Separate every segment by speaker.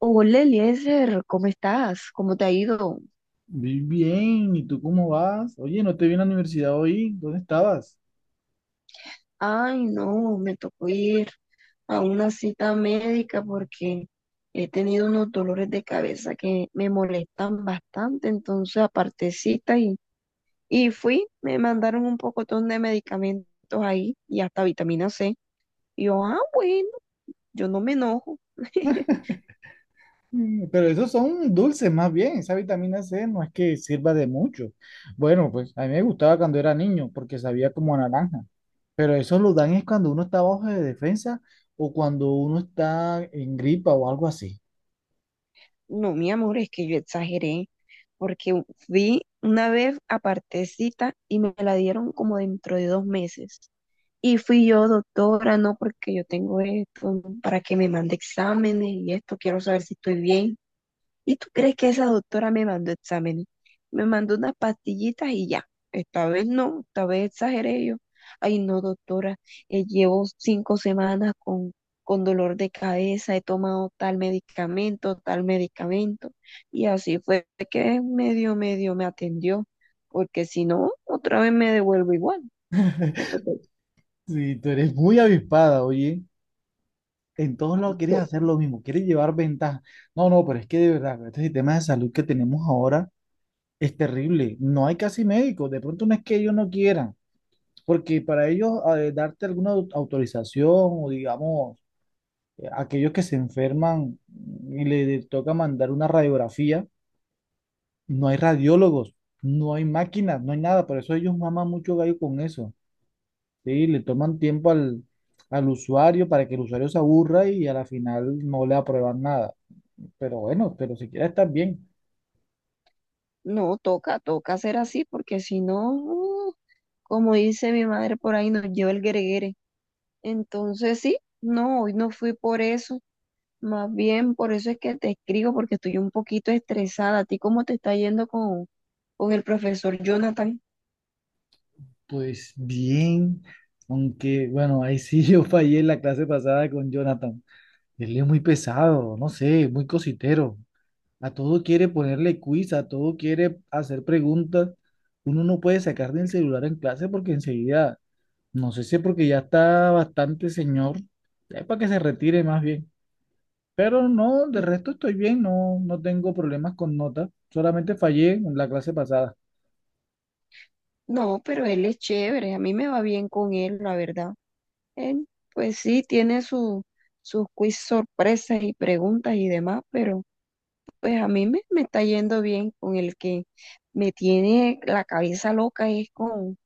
Speaker 1: Hola Eliezer, ¿cómo estás? ¿Cómo te ha ido?
Speaker 2: Muy bien, ¿y tú cómo vas? Oye, no te vi en la universidad hoy, ¿dónde estabas?
Speaker 1: Ay, no, me tocó ir a una cita médica porque he tenido unos dolores de cabeza que me molestan bastante, entonces aparte cita y fui, me mandaron un pocotón de medicamentos ahí y hasta vitamina C. Y yo, ah, bueno, yo no me enojo.
Speaker 2: Mm, pero esos son dulces más bien, esa vitamina C no es que sirva de mucho. Bueno, pues a mí me gustaba cuando era niño porque sabía como a naranja, pero eso lo dan es cuando uno está bajo de defensa o cuando uno está en gripa o algo así.
Speaker 1: No, mi amor, es que yo exageré, porque fui una vez a cita y me la dieron como dentro de 2 meses. Y fui yo, doctora, no, porque yo tengo esto, ¿no?, para que me mande exámenes y esto, quiero saber si estoy bien. ¿Y tú crees que esa doctora me mandó exámenes? Me mandó unas pastillitas y ya. Esta vez no, esta vez exageré yo. Ay, no, doctora, llevo 5 semanas con dolor de cabeza, he tomado tal medicamento, tal medicamento. Y así fue que medio, medio me atendió, porque si no, otra vez me devuelvo igual. Me tocó.
Speaker 2: Sí, tú eres muy avispada, oye. En todos
Speaker 1: Ay,
Speaker 2: lados quieres
Speaker 1: no.
Speaker 2: hacer lo mismo, quieres llevar ventaja. No, no, pero es que de verdad, este sistema de salud que tenemos ahora es terrible, no hay casi médicos, de pronto no es que ellos no quieran, porque para ellos darte alguna autorización o digamos, aquellos que se enferman y le toca mandar una radiografía, no hay radiólogos, no hay máquinas, no hay nada, por eso ellos maman mucho gallo con eso, ¿sí? Le toman tiempo al, al usuario para que el usuario se aburra y a la final no le aprueban nada, pero bueno, pero siquiera estás bien.
Speaker 1: No, toca, toca hacer así, porque si no, como dice mi madre por ahí, nos lleva el greguere. Entonces sí, no, hoy no fui por eso, más bien por eso es que te escribo, porque estoy un poquito estresada. ¿A ti cómo te está yendo con el profesor Jonathan?
Speaker 2: Pues bien, aunque bueno, ahí sí yo fallé en la clase pasada con Jonathan. Él es muy pesado, no sé, muy cositero. A todo quiere ponerle quiz, a todo quiere hacer preguntas. Uno no puede sacar del celular en clase porque enseguida, no sé si es porque ya está bastante señor, es para que se retire más bien. Pero no, de resto estoy bien, no, no tengo problemas con notas. Solamente fallé en la clase pasada.
Speaker 1: No, pero él es chévere, a mí me va bien con él, la verdad. Él, pues sí, tiene su, sus quiz sorpresas y preguntas y demás, pero... Pues a mí me está yendo bien con el que me tiene la cabeza loca es con,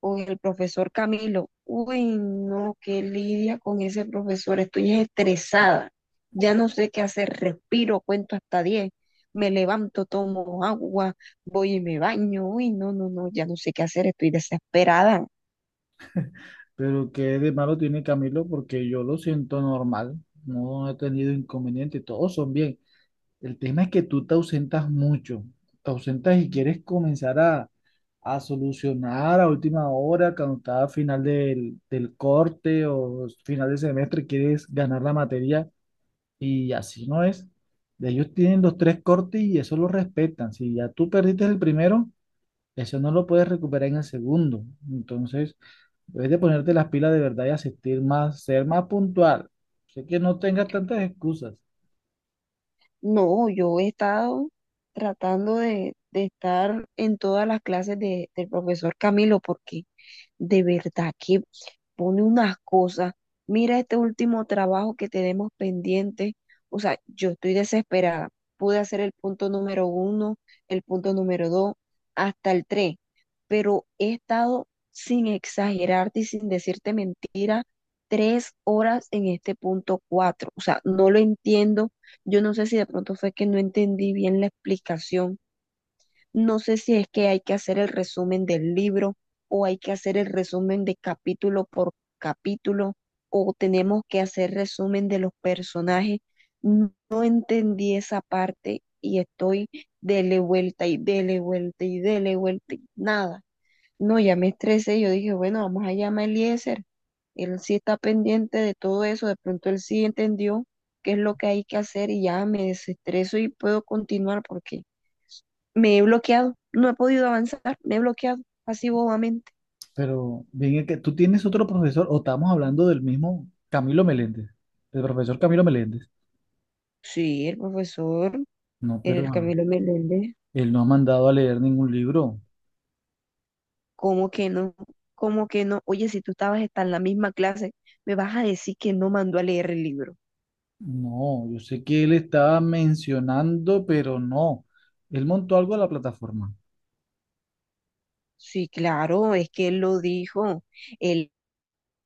Speaker 1: con el profesor Camilo. Uy, no, qué lidia con ese profesor. Estoy estresada. Ya no sé qué hacer. Respiro, cuento hasta 10. Me levanto, tomo agua, voy y me baño. Uy, no, no, no, ya no sé qué hacer. Estoy desesperada.
Speaker 2: Pero qué de malo tiene Camilo porque yo lo siento normal, no he tenido inconveniente, todos son bien. El tema es que tú te ausentas mucho, te ausentas y quieres comenzar a solucionar a última hora, cuando está a final del, del corte o final de semestre, quieres ganar la materia y así no es. Ellos tienen los tres cortes y eso lo respetan. Si ya tú perdiste el primero, eso no lo puedes recuperar en el segundo. Entonces... debes de ponerte las pilas de verdad y asistir más, ser más puntual. Sé que no tengas tantas excusas,
Speaker 1: No, yo he estado tratando de estar en todas las clases del profesor Camilo porque de verdad que pone unas cosas. Mira este último trabajo que tenemos pendiente. O sea, yo estoy desesperada. Pude hacer el punto número 1, el punto número 2, hasta el 3, pero he estado sin exagerarte y sin decirte mentira 3 horas en este punto 4. O sea, no lo entiendo. Yo no sé si de pronto fue que no entendí bien la explicación, no sé si es que hay que hacer el resumen del libro o hay que hacer el resumen de capítulo por capítulo o tenemos que hacer resumen de los personajes. No entendí esa parte y estoy dele vuelta y dele vuelta y dele vuelta y nada. No, ya me estresé. Yo dije, bueno, vamos a llamar a Eliezer. Él sí está pendiente de todo eso. De pronto él sí entendió qué es lo que hay que hacer y ya me desestreso y puedo continuar porque me he bloqueado, no he podido avanzar, me he bloqueado, así bobamente.
Speaker 2: pero bien es que tú tienes otro profesor o estamos hablando del mismo Camilo Meléndez, del profesor Camilo Meléndez.
Speaker 1: Sí, el profesor,
Speaker 2: No, pero
Speaker 1: el Camilo Meléndez.
Speaker 2: él no ha mandado a leer ningún libro.
Speaker 1: ¿Cómo que no? ¿Cómo que no? Oye, si tú estabas hasta en la misma clase, me vas a decir que no mandó a leer el libro.
Speaker 2: No, yo sé que él estaba mencionando, pero no. Él montó algo a la plataforma.
Speaker 1: Sí, claro, es que él lo dijo. Él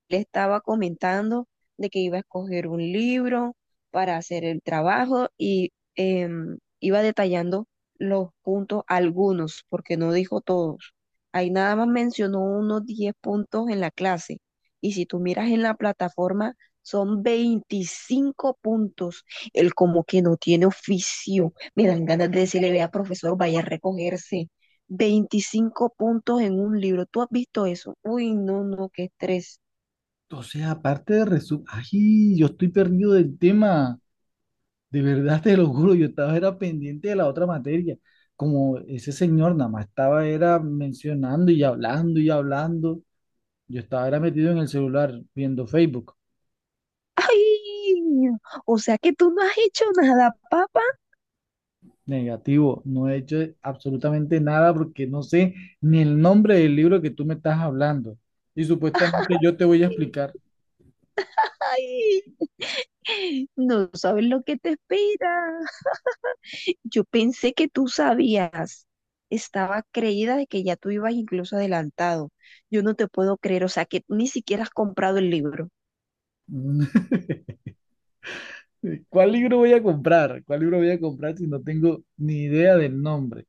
Speaker 1: le estaba comentando de que iba a escoger un libro para hacer el trabajo y iba detallando los puntos, algunos, porque no dijo todos. Ahí nada más mencionó unos 10 puntos en la clase. Y si tú miras en la plataforma, son 25 puntos. Él como que no tiene oficio. Me dan ganas de decirle, vea, profesor, vaya a recogerse. 25 puntos en un libro. ¿Tú has visto eso? Uy, no, no, qué estrés.
Speaker 2: Entonces, aparte de resumen, ay, yo estoy perdido del tema. De verdad te lo juro, yo estaba era pendiente de la otra materia. Como ese señor nada más estaba era mencionando y hablando, yo estaba era metido en el celular viendo Facebook.
Speaker 1: Ay, o sea que tú no has hecho nada, papá.
Speaker 2: Negativo, no he hecho absolutamente nada porque no sé ni el nombre del libro que tú me estás hablando. Y supuestamente yo te voy a explicar.
Speaker 1: Ay, no sabes lo que te espera. Yo pensé que tú sabías. Estaba creída de que ya tú ibas incluso adelantado. Yo no te puedo creer, o sea que ni siquiera has comprado el libro.
Speaker 2: ¿Cuál libro voy a comprar, cuál libro voy a comprar si no tengo ni idea del nombre?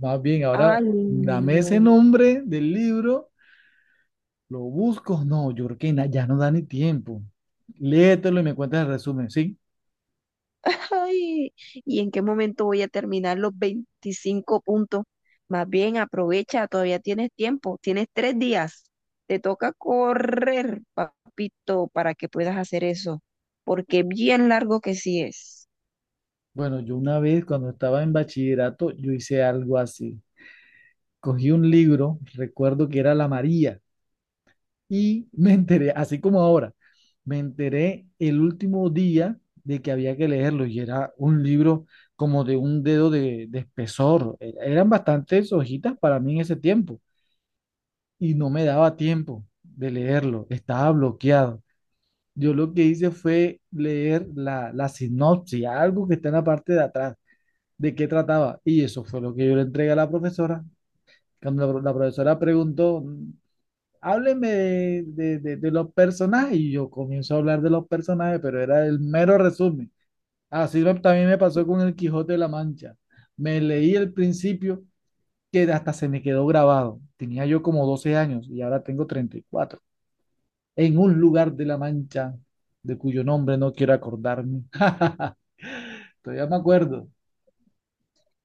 Speaker 2: Más bien, ahora
Speaker 1: Ay,
Speaker 2: dame ese
Speaker 1: no.
Speaker 2: nombre del libro. Lo busco, no, yo creo que ya no da ni tiempo. Léetelo y me cuentas el resumen, ¿sí?
Speaker 1: Ay, ¿y en qué momento voy a terminar los 25 puntos? Más bien aprovecha, todavía tienes tiempo, tienes 3 días. Te toca correr, papito, para que puedas hacer eso, porque bien largo que sí es.
Speaker 2: Bueno, yo una vez cuando estaba en bachillerato, yo hice algo así. Cogí un libro, recuerdo que era La María, y me enteré, así como ahora, me enteré el último día de que había que leerlo y era un libro como de un dedo de espesor. Eran bastantes hojitas para mí en ese tiempo y no me daba tiempo de leerlo, estaba bloqueado. Yo lo que hice fue leer la, la sinopsis, algo que está en la parte de atrás, de qué trataba. Y eso fue lo que yo le entregué a la profesora. Cuando la profesora preguntó, hábleme de los personajes, y yo comienzo a hablar de los personajes, pero era el mero resumen. También me pasó con el Quijote de la Mancha. Me leí el principio que hasta se me quedó grabado. Tenía yo como 12 años y ahora tengo 34. En un lugar de La Mancha de cuyo nombre no quiero acordarme. Todavía me acuerdo.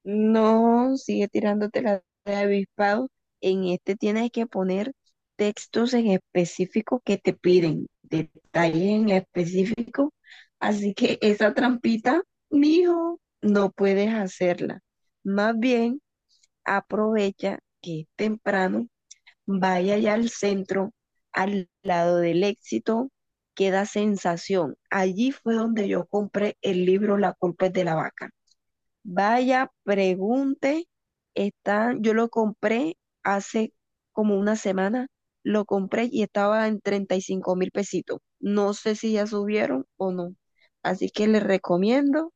Speaker 1: No, sigue tirándote la de avispado. En este tienes que poner textos en específico que te piden, detalles en específico. Así que esa trampita, mijo, no puedes hacerla. Más bien, aprovecha que es temprano, vaya ya al centro, al lado del éxito, queda sensación. Allí fue donde yo compré el libro La culpa es de la vaca. Vaya, pregunte, está, yo lo compré hace como una semana, lo compré y estaba en 35.000 pesitos. No sé si ya subieron o no. Así que les recomiendo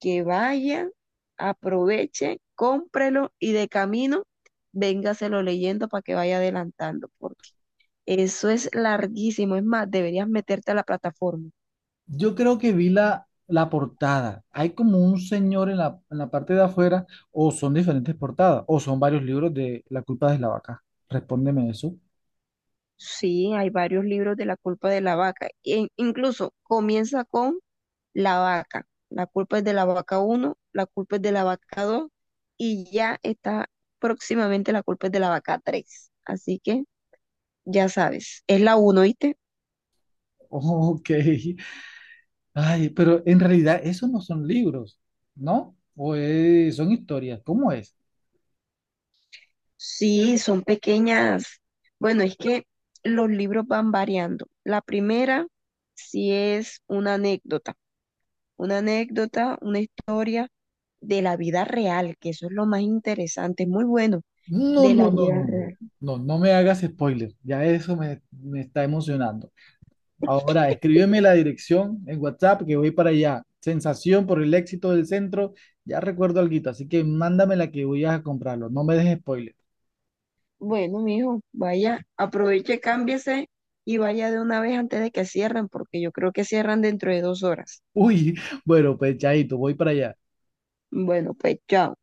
Speaker 1: que vayan, aprovechen, cómprelo y de camino véngaselo leyendo para que vaya adelantando, porque eso es larguísimo. Es más, deberías meterte a la plataforma.
Speaker 2: Yo creo que vi la, la portada. Hay como un señor en la parte de afuera, o son diferentes portadas, o son varios libros de La culpa de la vaca. Respóndeme eso.
Speaker 1: Sí, hay varios libros de La culpa de la vaca, e incluso comienza con la vaca. La culpa es de la vaca 1, la culpa es de la vaca 2 y ya está próximamente la culpa es de la vaca 3. Así que ya sabes, es la uno, ¿viste?
Speaker 2: Ok. Ay, pero en realidad esos no son libros, ¿no? Son historias. ¿Cómo es?
Speaker 1: Sí, son pequeñas. Bueno, es que los libros van variando. La primera sí es una anécdota, una anécdota, una historia de la vida real, que eso es lo más interesante, muy bueno,
Speaker 2: No,
Speaker 1: de la
Speaker 2: no, no,
Speaker 1: vida
Speaker 2: no.
Speaker 1: real.
Speaker 2: No, no me hagas spoiler. Ya eso me, me está emocionando. Ahora, escríbeme la dirección en WhatsApp que voy para allá. Sensación por el éxito del centro. Ya recuerdo alguito, así que mándame la que voy a comprarlo. No me dejes spoiler.
Speaker 1: Bueno, mijo, vaya, aproveche, cámbiese y vaya de una vez antes de que cierren, porque yo creo que cierran dentro de 2 horas.
Speaker 2: Uy, bueno, pues chaito, voy para allá.
Speaker 1: Bueno, pues chao.